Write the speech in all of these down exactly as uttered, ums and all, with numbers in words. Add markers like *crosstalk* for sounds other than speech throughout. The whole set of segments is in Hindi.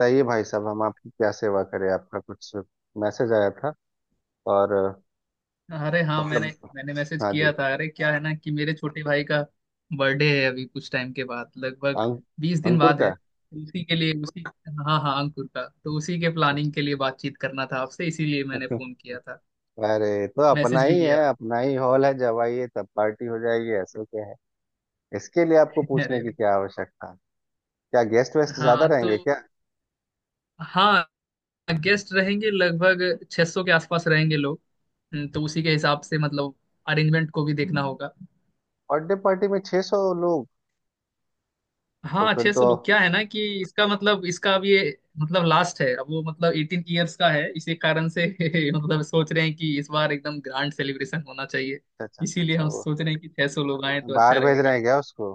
बताइए भाई साहब, हम आपकी क्या सेवा करें? आपका कुछ मैसेज आया था। और अ, अरे हाँ मैंने मतलब मैंने मैसेज हाँ किया जी। था। अरे क्या है ना कि मेरे छोटे भाई का बर्थडे है, अभी कुछ टाइम के बाद, लगभग अंक बीस दिन अंकुर बाद है। का? उसी के लिए उसी हाँ हाँ, अंकुर का, तो उसी के प्लानिंग अच्छा। के लिए बातचीत करना था आपसे, इसीलिए मैंने अच्छा। फोन किया था, *laughs* अरे, तो अपना मैसेज भी ही किया है, अपना ही हॉल है। जब आइए तब पार्टी हो जाएगी, ऐसे क्या है, इसके लिए आपको था। *laughs* पूछने अरे की क्या आवश्यकता है। क्या गेस्ट वेस्ट ज्यादा हाँ, तो रहेंगे क्या? हाँ, गेस्ट रहेंगे लगभग छह सौ के आसपास रहेंगे लोग। हम्म, तो उसी के हिसाब से मतलब अरेंजमेंट को भी देखना होगा। बर्थडे पार्टी में छह सौ लोग? तो हाँ फिर अच्छे तो से, लोग क्या है ना कि इसका मतलब, इसका अब ये मतलब लास्ट है, अब वो मतलब एटीन ईयर्स का है, इसी कारण से *laughs* मतलब सोच रहे हैं कि इस बार एकदम ग्रैंड सेलिब्रेशन होना चाहिए। अच्छा अच्छा अच्छा इसीलिए अच्छा। हम वो सोच रहे हैं कि छह सौ लोग आए तो अच्छा बाहर भेज रहे रहेगा। हैं क्या उसको?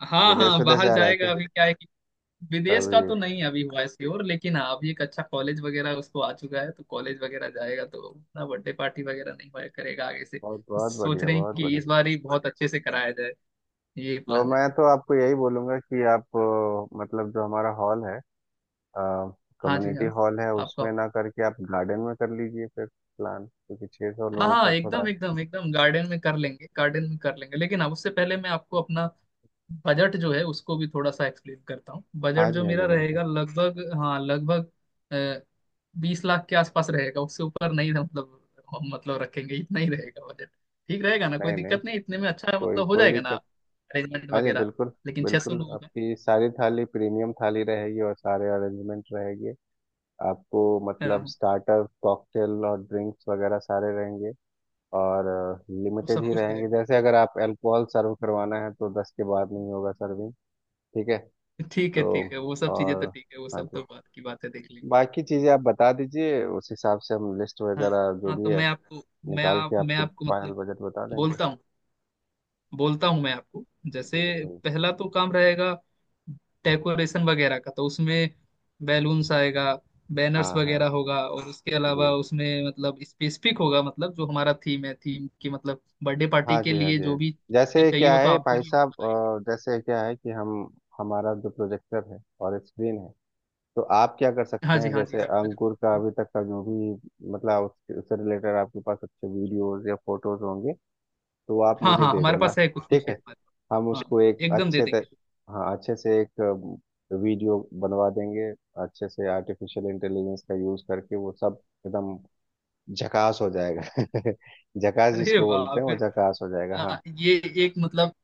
हाँ विदेश हाँ, विदेश बाहर जा रहा है क्या? जाएगा। अभी क्या है कि विदेश का तभी तो तो। नहीं अभी हुआ इसकी ओर, लेकिन हाँ अभी एक अच्छा कॉलेज वगैरह उसको आ चुका है, तो कॉलेज वगैरह जाएगा तो उतना बर्थडे पार्टी वगैरह नहीं हुआ करेगा आगे से, बहुत तो बहुत सोच बढ़िया, रहे हैं बहुत कि बढ़िया। इस बार ही बहुत अच्छे से कराया जाए। ये और प्लान है। मैं तो आपको यही बोलूंगा कि आप, अ, मतलब जो हमारा हॉल है, हाँ जी कम्युनिटी हाँ, हॉल है, आपका। उसमें ना करके आप गार्डन में कर लीजिए फिर प्लान, क्योंकि छह सौ हाँ लोगों हाँ, का थोड़ा। एकदम एकदम एकदम गार्डन में कर लेंगे, गार्डन में कर लेंगे, लेकिन अब उससे पहले मैं आपको अपना बजट जो है उसको भी थोड़ा सा एक्सप्लेन करता हूँ। हाँ बजट जी जो हाँ जी, मेरा बिल्कुल। रहेगा लगभग, हाँ लगभग बीस लाख के आसपास रहेगा, उससे ऊपर नहीं। मतलब मतलब रखेंगे इतना ही, रहेगा बजट। ठीक रहेगा ना? कोई नहीं नहीं, दिक्कत नहीं? इतने में अच्छा कोई मतलब हो कोई जाएगा ना दिक्कत। अरेंजमेंट हाँ जी, वगैरह? बिल्कुल। लेकिन छह सौ बिल्कुल लोगों का। आपकी सारी थाली प्रीमियम थाली रहेगी और सारे अरेंजमेंट रहेंगे आपको। मतलब हाँ, स्टार्टर, कॉकटेल और ड्रिंक्स वगैरह सारे रहेंगे। और वो लिमिटेड सब ही कुछ रहेंगे। रहेगा। जैसे अगर आप अल्कोहल सर्व करवाना है तो दस के बाद नहीं होगा सर्विंग। ठीक है। ठीक है तो ठीक है, वो सब चीजें तो और ठीक है, वो हाँ सब जी, तो बात की बात है, देख लेंगे। बाकी चीज़ें आप बता दीजिए, उस हिसाब से हम लिस्ट हाँ वगैरह जो हाँ, तो भी है मैं आपको, मैं निकाल आप के मैं आपको आपको फाइनल मतलब बजट बता देंगे। बोलता हूँ, बोलता हूँ मैं आपको। जी जैसे जी, बताइए। पहला तो काम रहेगा डेकोरेशन वगैरह का, तो उसमें बैलून्स आएगा, बैनर्स हाँ हाँ वगैरह होगा, और उसके अलावा जी, उसमें मतलब स्पेसिफिक होगा मतलब जो हमारा थीम है, थीम की मतलब बर्थडे पार्टी हाँ के जी, हाँ लिए, जी, जो हाँ जी। भी चीजें जैसे चाहिए क्या वो तो है आपको भाई भी। साहब, अ, जैसे क्या है कि हम, हमारा जो प्रोजेक्टर है और स्क्रीन है, तो आप क्या कर सकते हाँ जी हैं, हाँ जी, जैसे आपका जो- अंकुर का अभी तक का जो भी, मतलब उसके, उससे रिलेटेड आपके पास अच्छे वीडियोस या फोटोज होंगे तो आप हाँ मुझे हाँ, दे हमारे देना। पास है, कुछ कुछ ठीक है है, हमारे हम पास, हाँ उसको एक एकदम दे अच्छे देंगे। तक, हाँ अच्छे से एक अ, वीडियो बनवा देंगे। अच्छे से आर्टिफिशियल इंटेलिजेंस का यूज करके वो सब एकदम झकास हो जाएगा। *laughs* झकास अरे जिसको वाह, बोलते हैं वो फिर झकास हो जाएगा, हाँ। हाँ, ये एक मतलब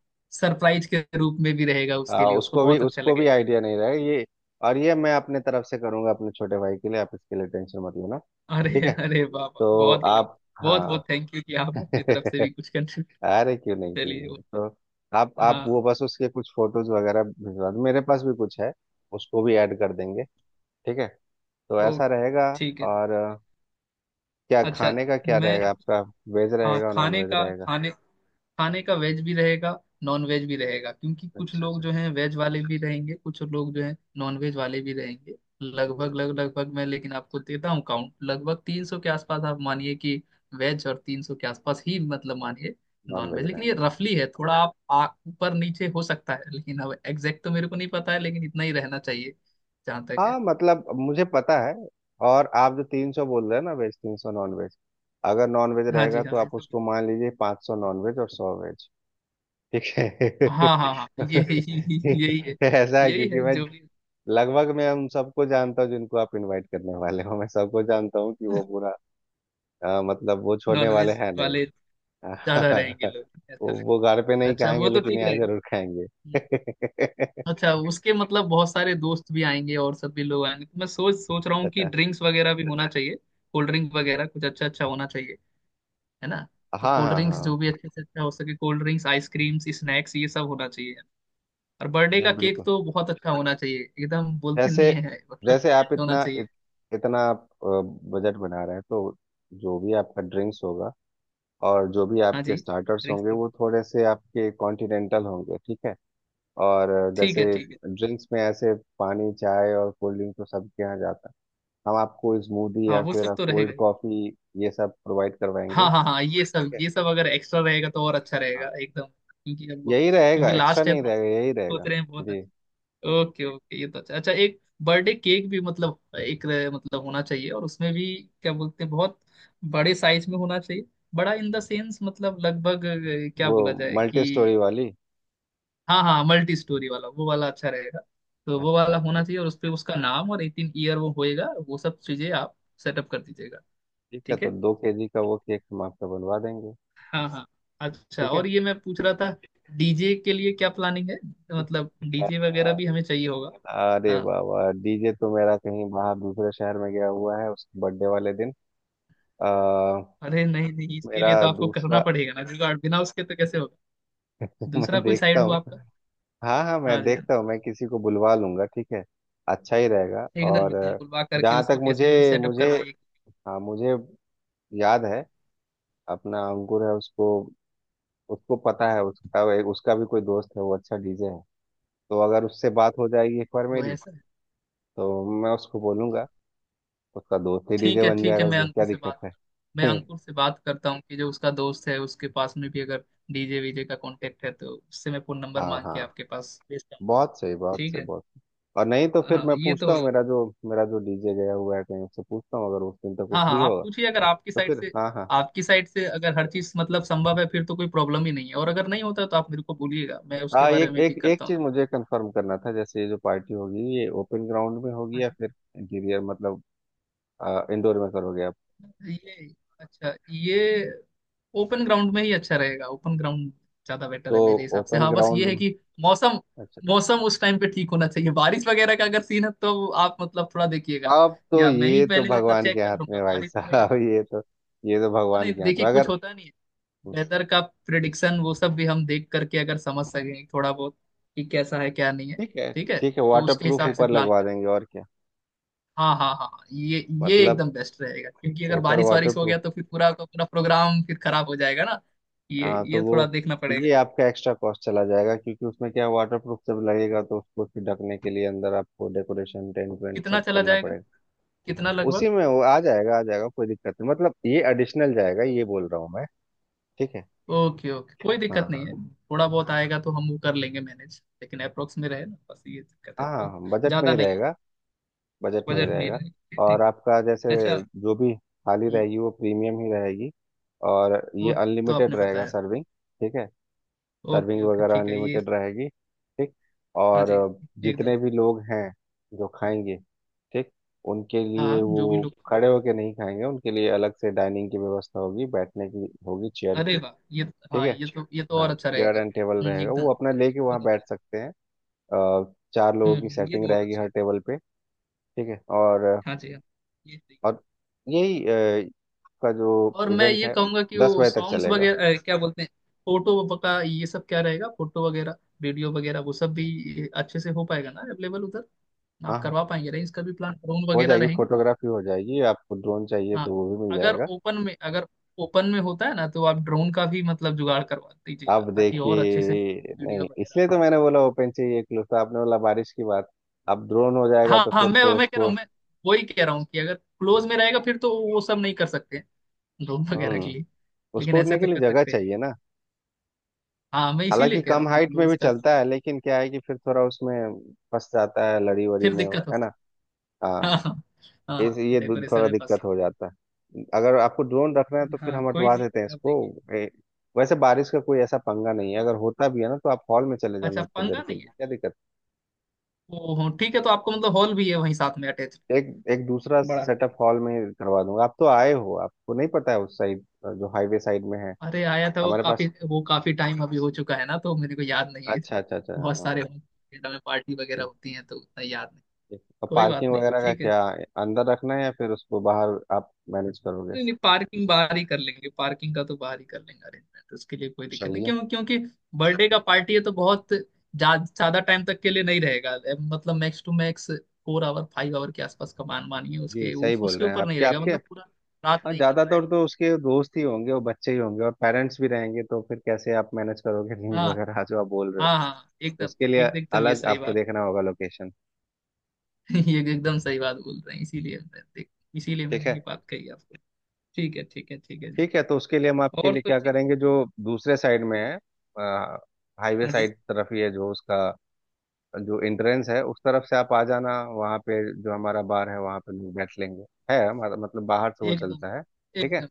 सरप्राइज के रूप में भी रहेगा आ, उसके लिए, उसको उसको भी बहुत अच्छा उसको भी लगेगा। आइडिया नहीं रहेगा ये। और ये मैं अपने तरफ से करूंगा, अपने छोटे भाई के लिए। आप इसके लिए टेंशन मत लेना, ठीक अरे है? अरे वाह वाह, तो बहुत बहुत, आप, बहुत बहुत हाँ। थैंक यू, कि *laughs* आप अपनी तरफ से भी अरे कुछ कंट्रीब्यूट। क्यों नहीं, क्यों चलिए ओ- नहीं। तो आप आप हाँ, वो बस उसके कुछ फोटोज वगैरह भिजवा दो, मेरे पास भी कुछ है, उसको भी ऐड कर देंगे। ठीक है, तो ऐसा ओके, रहेगा। ठीक है। और अ, क्या, अच्छा, खाने का क्या मैं, रहेगा आपका, वेज हाँ रहेगा और नॉन खाने वेज का, रहेगा? खाने खाने का वेज भी रहेगा, नॉन वेज भी रहेगा, क्योंकि कुछ अच्छा लोग अच्छा। जो हैं वेज वाले भी रहेंगे, कुछ लोग जो हैं नॉन वेज वाले भी रहेंगे। अच्छा लगभग अच्छा, लग लगभग मैं लेकिन आपको देता हूँ काउंट, लगभग तीन सौ के आसपास आप मानिए कि वेज, और तीन सौ के आसपास ही मतलब मानिए नॉन नॉन वेज वेज, लेकिन ये रहेंगे। रफली है, थोड़ा आप आ- ऊपर नीचे हो सकता है, लेकिन अब एग्जैक्ट तो मेरे को नहीं पता है, लेकिन इतना ही रहना चाहिए जहाँ तक है। हाँ, मतलब मुझे पता है। और आप जो तीन सौ बोल रहे हैं ना, वेज तीन सौ, नॉन वेज, अगर नॉन वेज हाँ रहेगा जी तो हाँ, ये आप सब, उसको मान लीजिए पाँच सौ नॉन वेज और सौ वेज। ठीक है। हाँ हाँ हाँ, ये यही, यही है *laughs* ऐसा है यही है क्योंकि मैं जो भी लगभग, मैं उन सबको जानता हूँ जिनको आप इनवाइट करने वाले हो, मैं सबको जानता हूँ कि वो पूरा, अ, मतलब वो छोड़ने वाले नॉनवेज हैं नहीं। वाले ज्यादा रहेंगे *laughs* लोग, ऐसा वो लगता वो घर पे है। नहीं अच्छा, खाएंगे वो तो लेकिन ठीक यहाँ रहेगा। जरूर खाएंगे। हम्म। *laughs* अच्छा, उसके मतलब बहुत सारे दोस्त भी आएंगे और सब भी लोग आएंगे, तो मैं सोच सोच रहा हूँ कि अच्छा। ड्रिंक्स वगैरह भी होना चाहिए, कोल्ड ड्रिंक वगैरह कुछ अच्छा अच्छा होना चाहिए, है ना? तो हाँ कोल्ड हाँ, ड्रिंक्स हाँ जो भी अच्छे से अच्छा हो सके, कोल्ड ड्रिंक्स, आइसक्रीम्स, स्नैक्स, ये सब होना चाहिए। और बर्थडे जी, का केक बिल्कुल। तो बहुत अच्छा होना चाहिए, एकदम, बोलते जैसे, नहीं है, मतलब जैसे आप grand होना इतना चाहिए। इत, इतना बजट बना रहे हैं, तो जो भी आपका ड्रिंक्स होगा और जो भी हाँ आपके जी, स्टार्टर्स ड्रिंक्स, होंगे वो थोड़े से आपके कॉन्टिनेंटल होंगे, ठीक है? और ठीक है जैसे ठीक है, ड्रिंक्स में ऐसे पानी, चाय और कोल्ड ड्रिंक तो सबके यहाँ जाता है, हम आपको स्मूदी हाँ या वो सब फिर तो रहेगा कोल्ड ही। कॉफी, ये सब प्रोवाइड करवाएंगे। हाँ हाँ हाँ, ये ठीक सब, है, ये सब अगर एक्स्ट्रा रहेगा तो और अच्छा हाँ। रहेगा एकदम, क्योंकि अब यही रहेगा, क्योंकि एक्स्ट्रा लास्ट है नहीं तो रहेगा, यही रहेगा। सोच रहे हैं बहुत जी, अच्छा। ओके ओके, ये तो अच्छा अच्छा। एक बर्थडे केक भी मतलब एक, अ, मतलब होना चाहिए, और उसमें भी क्या बोलते हैं बहुत बड़े साइज में होना चाहिए। बड़ा इन द सेंस मतलब लगभग, अ, क्या वो बोला जाए मल्टी स्टोरी कि वाली। हाँ हाँ, मल्टी स्टोरी वाला, वो वाला अच्छा रहेगा। तो वो अच्छा वाला अच्छा, होना चाहिए, और उस पर उसका नाम और एटीन ईयर वो होएगा, वो सब चीजें आप सेटअप कर दीजिएगा। ठीक है, ठीक तो है, दो केजी का वो केक हम आपका बनवा देंगे। हाँ हाँ, अच्छा ठीक है। और ये मैं पूछ रहा था डीजे के लिए क्या प्लानिंग है? मतलब आ, डीजे वगैरह भी हमें चाहिए होगा। अरे हाँ, बाबा, डीजे तो मेरा कहीं बाहर दूसरे शहर में गया हुआ है उसके बर्थडे वाले दिन। आ, अरे नहीं नहीं, इसके मेरा लिए तो आपको करना दूसरा, पड़ेगा ना जुगाड़, बिना उसके तो कैसे होगा? *laughs* मैं दूसरा कोई देखता साइड हो हूँ। आपका। हाँ हाँ, हाँ मैं जी हाँ देखता जी। हूँ, मैं किसी को बुलवा लूंगा, ठीक है? अच्छा ही रहेगा। एकदम और एकदम बुलवा करके जहाँ उसको तक कैसे भी मुझे सेटअप मुझे करवाइए। हाँ, मुझे याद है, अपना अंकुर है, उसको, उसको पता है, उसका एक, उसका भी कोई दोस्त है, वो अच्छा डीजे है। तो अगर उससे बात हो जाएगी एक बार वो मेरी, ऐसा है। तो मैं उसको बोलूंगा, उसका दोस्त ही डीजे ठीक है बन ठीक जाएगा, है, मैं उसमें क्या अंकुर से दिक्कत बात है। मैं अंकुर से *laughs* बात करता हूँ कि जो उसका दोस्त है उसके पास में भी अगर डीजे वीजे का कांटेक्ट है तो उससे मैं फोन नंबर हाँ मांग हाँ, के आपके पास भेजता हूँ। बहुत सही, बहुत ठीक सही, है, बहुत। और नहीं तो फिर हाँ मैं ये पूछता तो, हूँ, मेरा जो, मेरा जो डीजे गया हुआ है कहीं, उससे पूछता हूँ, अगर उस दिन तक वो हाँ हाँ, फ्री आप होगा पूछिए अगर आपकी तो साइड फिर, से, हाँ हाँ आपकी साइड से अगर हर चीज मतलब संभव है फिर तो कोई प्रॉब्लम ही नहीं है, और अगर नहीं होता तो आप मेरे को बोलिएगा, मैं उसके हाँ। बारे एक में भी एक एक करता चीज हूँ। मुझे कंफर्म करना था, जैसे ये जो पार्टी होगी, ये ओपन ग्राउंड में होगी हाँ या फिर इंटीरियर, मतलब इंडोर में करोगे आप? जी, ये अच्छा, ये ओपन ग्राउंड में ही अच्छा रहेगा, ओपन ग्राउंड ज्यादा बेटर तो है मेरे हिसाब से। ओपन हाँ बस ये ग्राउंड है में, कि मौसम अच्छा। मौसम उस टाइम पे ठीक होना चाहिए, बारिश वगैरह का अगर सीन है तो आप मतलब थोड़ा देखिएगा, अब तो या मैं ही ये तो पहले मतलब भगवान के चेक हाथ कर लूंगा में भाई बारिश वगैरह का- साहब, ये तो, ये तो भगवान नहीं के हाथ देखिए, में। कुछ अगर होता नहीं है। वेदर का प्रिडिक्शन वो सब भी हम देख करके अगर समझ सकें थोड़ा बहुत कि कैसा है क्या नहीं है। ठीक है, ठीक है, ठीक है, तो वाटर उसके ठीक प्रूफ हिसाब है से ऊपर प्लान लगवा करें। देंगे और क्या, हाँ हाँ हाँ हाँ, ये ये मतलब एकदम बेस्ट रहेगा, क्योंकि अगर ऊपर बारिश वाटर वारिश हो प्रूफ। गया तो फिर पूरा का पूरा प्रोग्राम फिर खराब हो जाएगा ना। ये हाँ, तो ये वो, थोड़ा देखना पड़ेगा। ये आपका एक्स्ट्रा कॉस्ट चला जाएगा, क्योंकि उसमें क्या, वाटर प्रूफ जब लगेगा तो उसको फिर ढकने के लिए अंदर आपको डेकोरेशन, टेंट वेंट कितना सब चला करना जाएगा? पड़ेगा। कितना लगभग? उसी में वो आ जाएगा, आ जाएगा, कोई दिक्कत नहीं, मतलब ये एडिशनल जाएगा ये बोल रहा हूँ मैं। ठीक है, ओके ओके, कोई हाँ दिक्कत हाँ नहीं है, थोड़ा बहुत आएगा तो हम वो कर लेंगे मैनेज, लेकिन अप्रोक्स में रहे ना, बस ये दिक्कत है, हाँ, बहुत हाँ बजट में ज्यादा ही नहीं है। रहेगा, बजट में ही बजट नहीं रहेगा। रहेगा, ठीक और ठीक। आपका जैसे अच्छा, जो भी थाली हम्म, रहेगी वो प्रीमियम ही रहेगी, और ये वो तो अनलिमिटेड आपने रहेगा बताया। सर्विंग। ठीक है, ओके सर्विंग ओके वगैरह ठीक है ये। अनलिमिटेड रहेगी, ठीक। हाँ और जी एकदम, जितने भी लोग हैं जो खाएंगे, ठीक, उनके हाँ लिए हाँ जो भी वो लोग खाएंगे, खड़े होके नहीं खाएंगे, उनके लिए अलग से डाइनिंग की व्यवस्था होगी, बैठने की होगी, चेयर अरे की। वाह ये, ठीक हाँ है, ये तो ये तो और हाँ, अच्छा चेयर रहेगा। एंड टेबल हम्म, रहेगा, एकदम वो अपना एकदम लेके वहाँ बहुत अच्छा बैठ सकते हैं। अ, चार लोगों रहेगा। की हम्म हम्म, ये सेटिंग बहुत रहेगी अच्छा हर है। टेबल पे। ठीक है। और हाँ जी हाँ, ये सही। और यही अ, का जो और मैं इवेंट ये है कहूंगा कि दस वो बजे तक सॉन्ग्स चलेगा। वगैरह, अ, क्या बोलते हैं, फोटो का ये सब क्या रहेगा, फोटो वगैरह, वीडियो वगैरह, वो सब भी अच्छे से हो पाएगा ना अवेलेबल उधर? हाँ आप हाँ, करवा पाएंगे ना इसका भी प्लान, ड्रोन हो वगैरह जाएगी रहेंगे? फोटोग्राफी, हो जाएगी, आपको ड्रोन चाहिए हाँ, तो वो भी मिल अगर जाएगा। ओपन में, अगर ओपन में होता है ना, तो आप ड्रोन का भी मतलब जुगाड़ करवा दीजिएगा, आप ताकि और अच्छे से देखिए, वीडियो नहीं वगैरह इसलिए आते। तो मैंने बोला ओपन चाहिए, क्लोज तो आपने बोला बारिश की बात। अब ड्रोन हो जाएगा हाँ तो हाँ, फिर मैं तो मैं कह रहा उसको, हूँ, मैं वही कह रहा हूँ कि अगर क्लोज में रहेगा फिर तो वो सब नहीं कर सकते हैं ड्रोन वगैरह के हम्म, लिए, लेकिन उसको ऐसे उड़ने के तो लिए कर जगह सकते हैं। चाहिए ना। हाँ मैं हालांकि इसीलिए कह रहा कम हूँ कि हाइट में क्लोज भी का तो चलता है, लेकिन क्या है कि फिर थोड़ा उसमें फंस जाता है, लड़ी वड़ी फिर में, दिक्कत हो है ना? सकती है। हाँ, हाँ हाँ हाँ इस हाँ, ये दु- डेकोरेशन थोड़ा में फंस दिक्कत हो जाता है। अगर आपको ड्रोन रखना है सकते तो हैं। फिर हाँ हम कोई हटवा नहीं, देते हैं आप इसको। देखिए। ए, वैसे बारिश का कोई ऐसा पंगा नहीं है, अगर होता भी है ना तो आप हॉल में चले जाना अच्छा उतने देर पंगा के नहीं लिए, है, क्या दिक्कत। ओ हो ठीक है, तो आपको मतलब हॉल भी है वहीं साथ में अटैच? एक एक दूसरा बड़ा। सेटअप हॉल में करवा दूंगा। आप तो आए हो, आपको नहीं पता है उस साइड, जो हाईवे साइड में है अरे आया था वो, हमारे काफी पास। वो काफी टाइम अभी हो चुका है ना, तो मेरे को याद नहीं है अच्छा इतना, अच्छा अच्छा, बहुत सारे थिएटर में पार्टी वगैरह हाँ। होती है तो उतना याद नहीं। अब कोई बात पार्किंग नहीं, वगैरह का ठीक है। क्या, अंदर रखना है या फिर उसको बाहर आप मैनेज करोगे? नहीं नहीं पार्किंग बाहर ही कर लेंगे, पार्किंग का तो बाहर ही कर लेंगे अरेंजमेंट उसके लिए, कोई दिक्कत नहीं, चलिए, क्यों क्योंकि बर्थडे का पार्टी है तो बहुत जा- ज्यादा टाइम तक के लिए नहीं रहेगा। ए, मतलब max two max four hour five hour के आसपास का मान मानिए, जी उसके उ, सही बोल उसके रहे हैं ऊपर नहीं आपके, रहेगा आपके। मतलब, पूरा रात हाँ, नहीं करना है। ज्यादातर तो उसके दोस्त ही होंगे और बच्चे ही होंगे और पेरेंट्स भी रहेंगे, तो फिर कैसे आप मैनेज करोगे रिंग हाँ वगैरह जो आप बोल रहे हाँ हो, हाँ, एकदम उसके लिए एक एकदम ये अलग सही आपको बात, देखना होगा लोकेशन। *laughs* ये एकदम सही बात बोल रहे हैं, इसीलिए मैं- देख, इसीलिए ठीक मैंने है, ये बात कही आपको। ठीक है ठीक है ठीक है जी। ठीक है, तो उसके लिए हम आपके और लिए तो क्या ठीक है, करेंगे, जो दूसरे साइड में है हाईवे हाँ जी साइड तरफ ही है, जो उसका जो एंट्रेंस है उस तरफ से आप आ जाना, वहाँ पे जो हमारा बार है वहाँ पे लोग बैठ लेंगे। है हमारा, मतलब बाहर से वो एकदम चलता है, ठीक है, एकदम,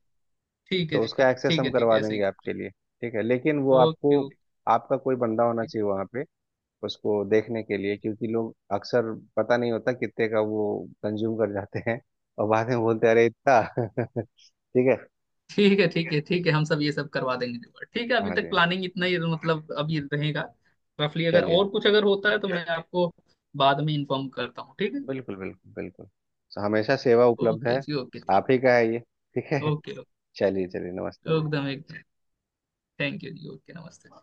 ठीक है तो जी ठीक उसका है एक्सेस ठीक हम है ठीक करवा है, ऐसे ही देंगे कर। आपके लिए। ठीक है, लेकिन वो ओके आपको, ओके, आपका कोई बंदा होना चाहिए वहाँ पे उसको देखने के लिए, क्योंकि लोग अक्सर पता नहीं होता कितने का वो कंज्यूम कर जाते हैं, और बाद में बोलते हैं, अरे इतना। *laughs* ठीक है, ठीक है ठीक है ठीक है, हम सब ये सब करवा देंगे जुगाड़। ठीक है, अभी हाँ जी तक हाँ। प्लानिंग इतना ही मतलब अभी रहेगा रफली, अगर चलिए, और कुछ अगर होता है तो मैं आपको बाद में इन्फॉर्म करता हूँ, ठीक है। बिल्कुल बिल्कुल बिल्कुल, हमेशा सेवा उपलब्ध है, ओके जी ओके ठीक, आप ही का है ये, ठीक है। ओके चलिए चलिए, नमस्ते ओके जी। एकदम एकदम, थैंक यू जी, ओके नमस्ते।